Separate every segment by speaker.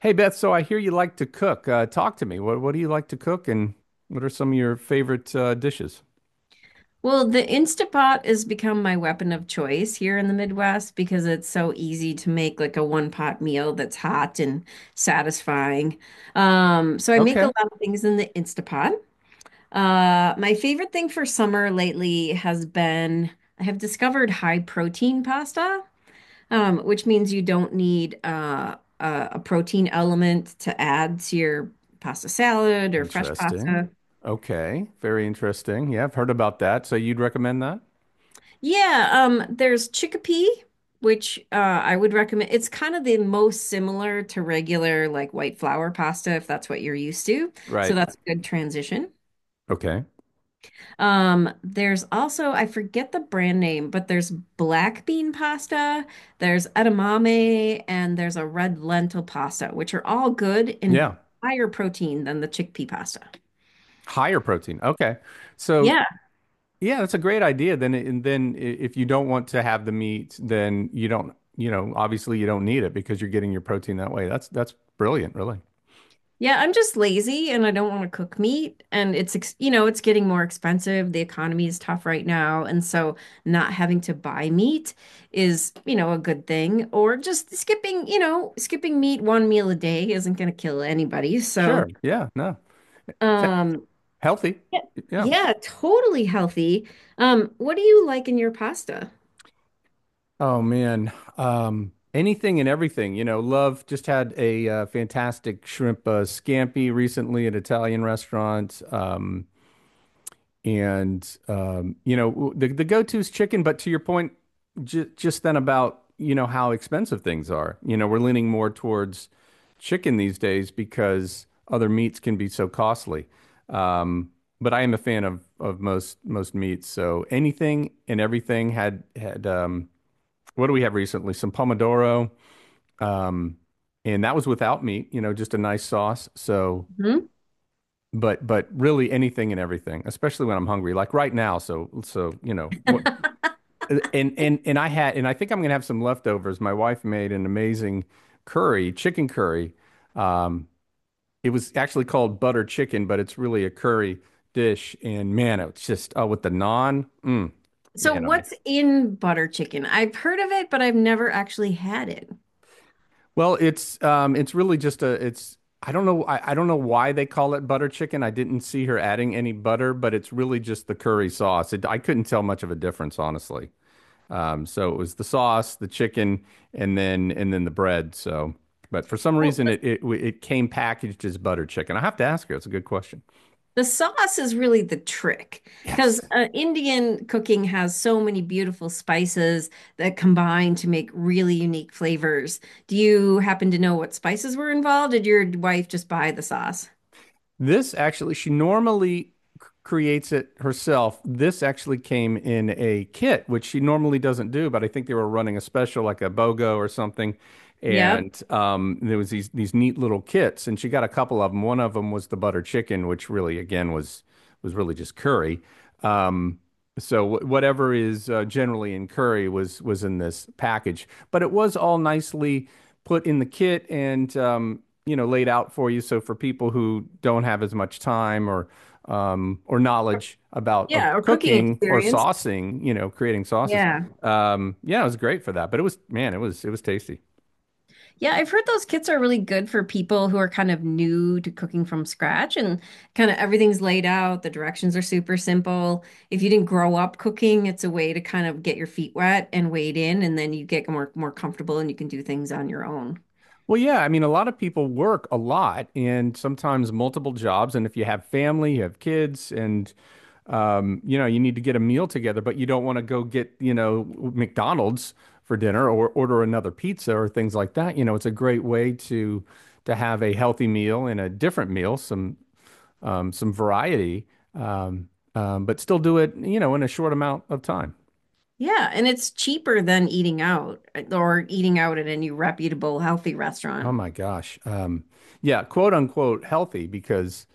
Speaker 1: Hey Beth, so I hear you like to cook. Talk to me. What do you like to cook, and what are some of your favorite dishes?
Speaker 2: Well, the Instapot has become my weapon of choice here in the Midwest because it's so easy to make like a one pot meal that's hot and satisfying. So I make a
Speaker 1: Okay.
Speaker 2: lot of things in the Instapot. My favorite thing for summer lately has been I have discovered high protein pasta, which means you don't need a protein element to add to your pasta salad or fresh
Speaker 1: Interesting.
Speaker 2: pasta.
Speaker 1: Okay. Very interesting. Yeah, I've heard about that. So you'd recommend that?
Speaker 2: Yeah, there's chickpea, which I would recommend. It's kind of the most similar to regular like white flour pasta if that's what you're used to. So
Speaker 1: Right.
Speaker 2: that's a good transition.
Speaker 1: Okay.
Speaker 2: There's also, I forget the brand name, but there's black bean pasta, there's edamame, and there's a red lentil pasta, which are all good
Speaker 1: Yeah.
Speaker 2: and higher protein than the chickpea pasta.
Speaker 1: Higher protein. Okay. So
Speaker 2: Yeah,
Speaker 1: yeah, that's a great idea. Then it- and then I- if you don't want to have the meat, then you don't, you know, obviously you don't need it because you're getting your protein that way. That's brilliant, really.
Speaker 2: yeah, I'm just lazy and I don't want to cook meat and it's ex. It's getting more expensive. The economy is tough right now, and so not having to buy meat is, you know, a good thing or just skipping, skipping meat one meal a day isn't going to kill anybody. So,
Speaker 1: Sure. Yeah. No. It's he-
Speaker 2: um
Speaker 1: Healthy.
Speaker 2: yeah,
Speaker 1: Yeah.
Speaker 2: yeah, totally healthy. What do you like in your pasta?
Speaker 1: Oh man, anything and everything. You know, Love just had a fantastic shrimp scampi recently at an Italian restaurant. And you know, the go-to is chicken. But to your point, j just then about you know how expensive things are. You know, we're leaning more towards chicken these days because other meats can be so costly. Um, but I am a fan of most meats. So anything and everything had. What do we have recently? Some pomodoro, um, and that was without meat. You know, just a nice sauce. So,
Speaker 2: Hmm.
Speaker 1: but really anything and everything, especially when I'm hungry, like right now. So you know what. And I had and I think I'm gonna have some leftovers. My wife made an amazing curry, chicken curry. Um, it was actually called butter chicken, but it's really a curry dish. And man, it's just oh, with the naan, mm,
Speaker 2: So
Speaker 1: man, I'm
Speaker 2: what's in butter chicken? I've heard of it, but I've never actually had it.
Speaker 1: Well, it's really just a it's I don't know I don't know why they call it butter chicken. I didn't see her adding any butter, but it's really just the curry sauce. I couldn't tell much of a difference, honestly. So it was the sauce, the chicken, and then the bread. So, but for some
Speaker 2: Well,
Speaker 1: reason it came packaged as butter chicken. I have to ask her. It's a good question.
Speaker 2: the sauce is really the trick because
Speaker 1: Yes.
Speaker 2: Indian cooking has so many beautiful spices that combine to make really unique flavors. Do you happen to know what spices were involved? Did your wife just buy the sauce?
Speaker 1: This actually, she normally creates it herself. This actually came in a kit, which she normally doesn't do, but I think they were running a special like a BOGO or something.
Speaker 2: Yep.
Speaker 1: And there was these neat little kits, and she got a couple of them. One of them was the butter chicken, which really, again, was really just curry. Um, so whatever is generally in curry was in this package, but it was all nicely put in the kit and you know laid out for you. So for people who don't have as much time or knowledge about
Speaker 2: Yeah, or cooking
Speaker 1: cooking or
Speaker 2: experience.
Speaker 1: saucing, you know, creating sauces,
Speaker 2: Yeah.
Speaker 1: yeah, it was great for that. But it was man, it was tasty.
Speaker 2: Yeah, I've heard those kits are really good for people who are kind of new to cooking from scratch and kind of everything's laid out. The directions are super simple. If you didn't grow up cooking, it's a way to kind of get your feet wet and wade in, and then you get more comfortable and you can do things on your own.
Speaker 1: Well, yeah, I mean, a lot of people work a lot and sometimes multiple jobs. And if you have family, you have kids, and you know, you need to get a meal together, but you don't want to go get, you know, McDonald's for dinner or order another pizza or things like that. You know, it's a great way to have a healthy meal and a different meal, some variety, um, but still do it, you know, in a short amount of time.
Speaker 2: Yeah, and it's cheaper than eating out or eating out at any reputable healthy
Speaker 1: Oh
Speaker 2: restaurant.
Speaker 1: my gosh. Yeah, quote unquote healthy because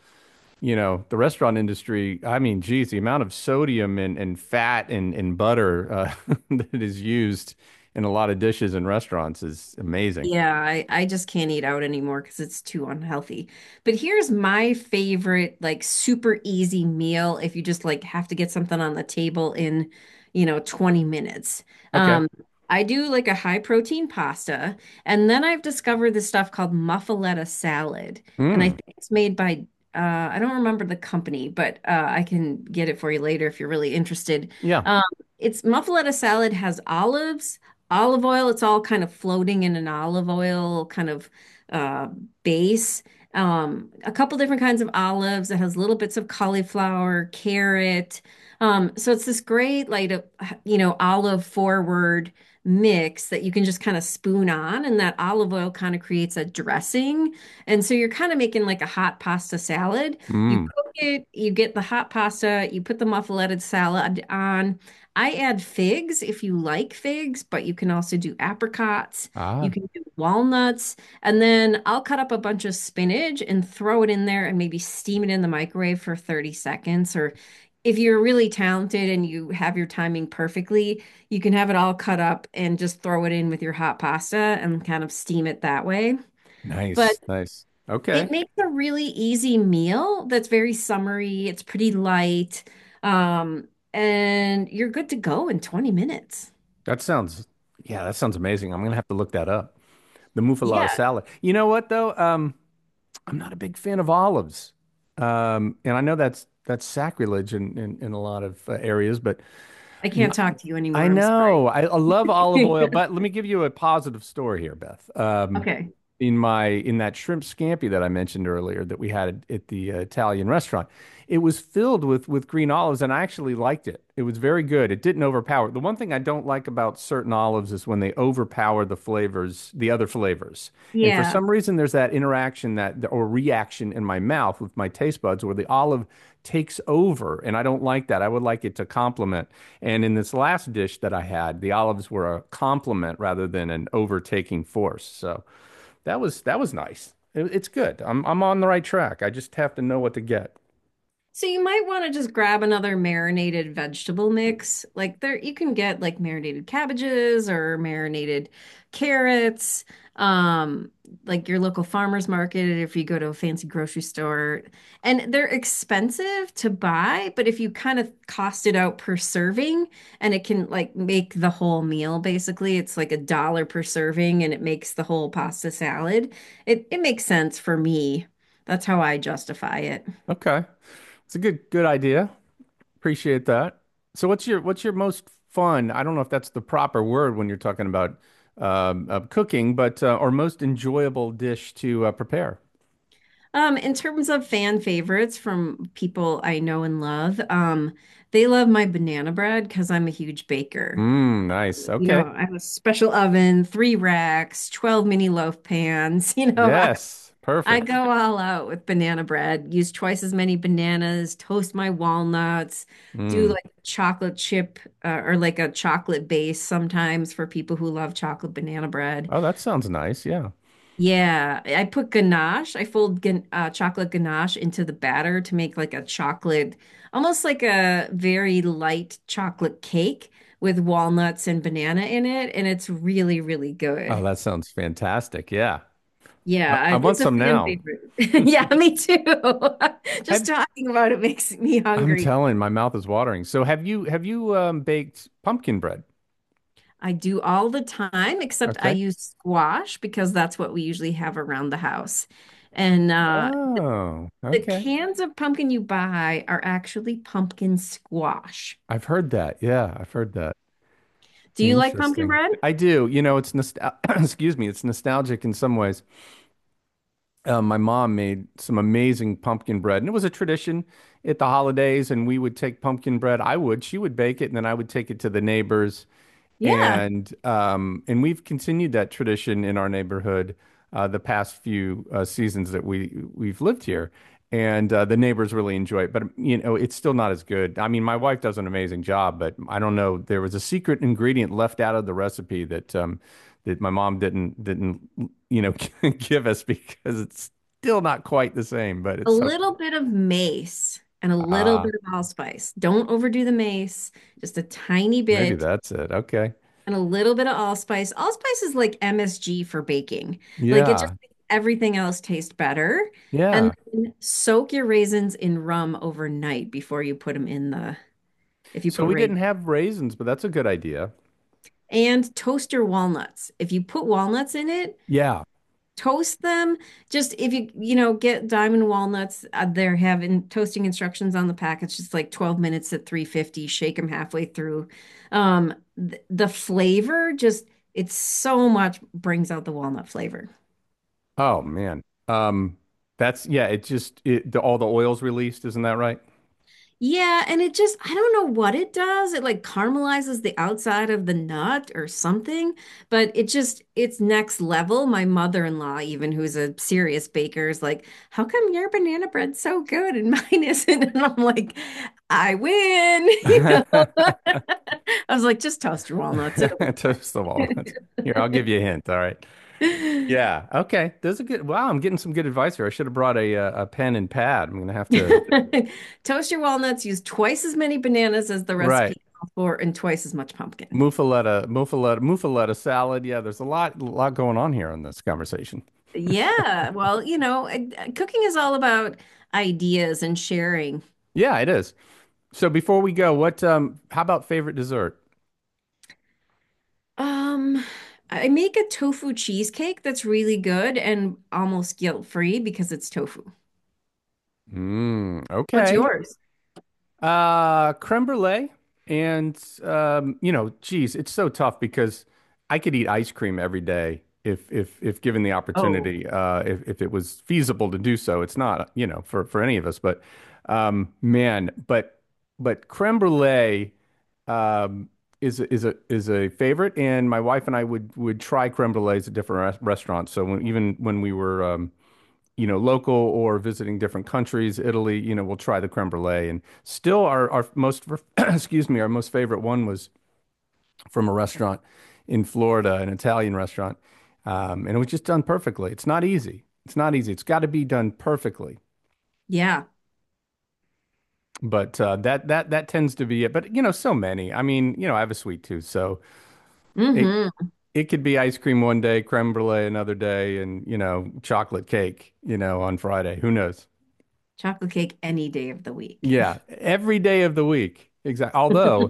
Speaker 1: you know, the restaurant industry, I mean, geez, the amount of sodium and fat and butter that is used in a lot of dishes in restaurants is amazing.
Speaker 2: Yeah, I just can't eat out anymore because it's too unhealthy. But here's my favorite, like super easy meal if you just like have to get something on the table in, you know, 20 minutes.
Speaker 1: Okay.
Speaker 2: Um, I do like a high protein pasta, and then I've discovered this stuff called muffuletta salad. And I
Speaker 1: Mm.
Speaker 2: think it's made by uh, I don't remember the company, but I can get it for you later if you're really interested.
Speaker 1: Yeah.
Speaker 2: Um, it's muffuletta salad has olives olive oil. It's all kind of floating in an olive oil kind of uh, base. A couple different kinds of olives. It has little bits of cauliflower, carrot. So it's this great, like, olive forward mix that you can just kind of spoon on, and that olive oil kind of creates a dressing. And so you're kind of making like a hot pasta salad. You
Speaker 1: Mm.
Speaker 2: cook it, you get the hot pasta, you put the muffuleted salad on. I add figs if you like figs, but you can also do apricots. You
Speaker 1: Ah,
Speaker 2: can do walnuts. And then I'll cut up a bunch of spinach and throw it in there and maybe steam it in the microwave for 30 seconds. Or if you're really talented and you have your timing perfectly, you can have it all cut up and just throw it in with your hot pasta and kind of steam it that way. But
Speaker 1: nice. Nice. Okay.
Speaker 2: it makes a really easy meal that's very summery. It's pretty light. Um, and you're good to go in 20 minutes.
Speaker 1: That sounds, yeah, that sounds amazing. I'm gonna have to look that up. The muffaletta
Speaker 2: Yeah.
Speaker 1: salad. You know what though? I'm not a big fan of olives. And I know that's sacrilege in in a lot of areas, but
Speaker 2: I
Speaker 1: I'm
Speaker 2: can't talk to you
Speaker 1: I
Speaker 2: anymore. I'm sorry.
Speaker 1: know. I love olive oil, but let me give you a positive story here, Beth.
Speaker 2: Okay.
Speaker 1: In my in that shrimp scampi that I mentioned earlier that we had at the Italian restaurant. It was filled with green olives, and I actually liked it. It was very good. It didn't overpower. The one thing I don't like about certain olives is when they overpower the flavors, the other flavors. And for
Speaker 2: Yeah.
Speaker 1: some reason, there's that interaction that or reaction in my mouth with my taste buds where the olive takes over, and I don't like that. I would like it to complement. And in this last dish that I had, the olives were a complement rather than an overtaking force. So. That was nice. It's good. I'm on the right track. I just have to know what to get.
Speaker 2: So you might want to just grab another marinated vegetable mix. Like there, you can get like marinated cabbages or marinated carrots. Um, like your local farmer's market, if you go to a fancy grocery store, and they're expensive to buy, but if you kind of cost it out per serving, and it can like make the whole meal basically, it's like a dollar per serving, and it makes the whole pasta salad. It makes sense for me. That's how I justify it.
Speaker 1: Okay. It's a good idea. Appreciate that. So what's your most fun? I don't know if that's the proper word when you're talking about cooking, but or most enjoyable dish to prepare.
Speaker 2: In terms of fan favorites from people I know and love, they love my banana bread because I'm a huge baker.
Speaker 1: Mm, nice.
Speaker 2: You
Speaker 1: Okay.
Speaker 2: know, I have a special oven, three racks, 12 mini loaf pans.
Speaker 1: Yes.
Speaker 2: I
Speaker 1: Perfect.
Speaker 2: go all out with banana bread, use twice as many bananas, toast my walnuts, do
Speaker 1: Mm.
Speaker 2: like chocolate chip or like a chocolate base sometimes for people who love chocolate banana bread.
Speaker 1: Oh, that sounds nice. Yeah.
Speaker 2: Yeah, I put ganache. I fold gan chocolate ganache into the batter to make like a chocolate, almost like a very light chocolate cake with walnuts and banana in it, and it's really, really
Speaker 1: Oh,
Speaker 2: good.
Speaker 1: that sounds fantastic. Yeah. I want
Speaker 2: It's a
Speaker 1: some
Speaker 2: fan
Speaker 1: now.
Speaker 2: favorite. Yeah, me too. Just
Speaker 1: Have
Speaker 2: talking about it makes me
Speaker 1: I'm
Speaker 2: hungry.
Speaker 1: telling, my mouth is watering. So have you baked pumpkin bread?
Speaker 2: I do all the time, except I
Speaker 1: Okay.
Speaker 2: use squash because that's what we usually have around the house. And uh,
Speaker 1: Oh,
Speaker 2: The
Speaker 1: okay.
Speaker 2: cans of pumpkin you buy are actually pumpkin squash.
Speaker 1: I've heard that. Yeah, I've heard that.
Speaker 2: Do you like pumpkin
Speaker 1: Interesting.
Speaker 2: bread?
Speaker 1: I do. You know, it's nostal excuse me, it's nostalgic in some ways. My mom made some amazing pumpkin bread, and it was a tradition at the holidays, and we would take pumpkin bread. She would bake it, and then I would take it to the neighbors.
Speaker 2: Yeah.
Speaker 1: And we've continued that tradition in our neighborhood the past few seasons that we've lived here, and the neighbors really enjoy it. But you know, it's still not as good. I mean, my wife does an amazing job, but I don't know. There was a secret ingredient left out of the recipe that that my mom didn't you know give us because it's still not quite the same. But
Speaker 2: A
Speaker 1: it's so
Speaker 2: little bit of mace and a little
Speaker 1: ah,
Speaker 2: bit of allspice. Don't overdo the mace, just a tiny
Speaker 1: maybe
Speaker 2: bit
Speaker 1: that's it. Okay,
Speaker 2: and a little bit of allspice. Allspice is like MSG for baking. Like it just
Speaker 1: yeah,
Speaker 2: makes everything else taste better. And
Speaker 1: yeah.
Speaker 2: then soak your raisins in rum overnight before you put them in if you
Speaker 1: So
Speaker 2: put
Speaker 1: we didn't
Speaker 2: raisins.
Speaker 1: have raisins, but that's a good idea.
Speaker 2: And toast your walnuts. If you put walnuts in it,
Speaker 1: Yeah.
Speaker 2: toast them. Just if you, you know, get diamond walnuts, they're having toasting instructions on the packets. Just like 12 minutes at 350, shake them halfway through. The flavor just, it's so much brings out the walnut flavor.
Speaker 1: Oh man. Um that's yeah, it just all the oil's released, isn't that right?
Speaker 2: Yeah, and it just, I don't know what it does. It like caramelizes the outside of the nut or something, but it just, it's next level. My mother-in-law, even who's a serious baker, is like, How come your banana bread's so good and mine isn't? And I'm like, I win. You know? I was like, just toast your walnuts. It'll be fine.
Speaker 1: Toast the walnuts. Here, I'll give you a hint, all right. Yeah, okay. There's a good wow, I'm getting some good advice here. I should have brought a pen and pad. I'm gonna have to
Speaker 2: Toast your walnuts, use twice as many bananas as the
Speaker 1: right.
Speaker 2: recipe called for and twice as much pumpkin.
Speaker 1: Muffaletta, muffaletta, muffaletta salad. Yeah, there's a lot going on here in this conversation.
Speaker 2: Yeah, well, you know, cooking is all about ideas and sharing.
Speaker 1: Yeah, it is. So before we go, what how about favorite dessert?
Speaker 2: Um, I make a tofu cheesecake that's really good and almost guilt-free because it's tofu.
Speaker 1: Mm,
Speaker 2: What's
Speaker 1: okay.
Speaker 2: yours?
Speaker 1: Creme brulee. And, you know, geez, it's so tough because I could eat ice cream every day if given the
Speaker 2: Oh,
Speaker 1: opportunity, if it was feasible to do so. It's not, you know, for any of us, but, man, but creme brulee, um, is a favorite. And my wife and I would try creme brulees at different restaurants. So when, even when we were, you know, local or visiting different countries. Italy, you know, we'll try the creme brulee. And still, our most, excuse me, our most favorite one was from a restaurant in Florida, an Italian restaurant. And it was just done perfectly. It's not easy. It's not easy. It's got to be done perfectly.
Speaker 2: yeah.
Speaker 1: But that tends to be it. But you know, so many. I mean, you know, I have a sweet tooth, so it
Speaker 2: Mm-hmm.
Speaker 1: it could be ice cream one day, creme brulee another day, and you know, chocolate cake, you know, on Friday. Who knows?
Speaker 2: Chocolate cake any day of the week.
Speaker 1: Yeah, every day of the week. Exactly. Although,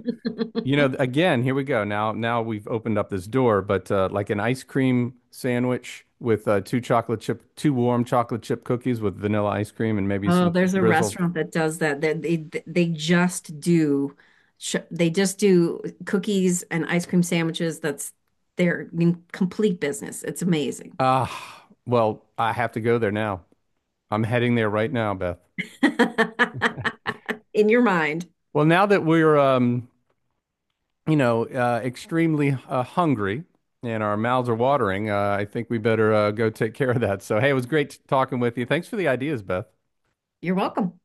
Speaker 1: you know, again, here we go. Now we've opened up this door, but like an ice cream sandwich with two chocolate chip, two warm chocolate chip cookies with vanilla ice cream and maybe
Speaker 2: Oh,
Speaker 1: some
Speaker 2: there's a
Speaker 1: drizzle.
Speaker 2: restaurant that does that. That they just do, they just do cookies and ice cream sandwiches. That's their I mean, complete business. It's amazing.
Speaker 1: Ah, well, I have to go there now. I'm heading there right now, Beth.
Speaker 2: In your mind.
Speaker 1: Well, now that we're, you know, extremely hungry and our mouths are watering, I think we better go take care of that. So, hey, it was great talking with you. Thanks for the ideas, Beth.
Speaker 2: You're welcome.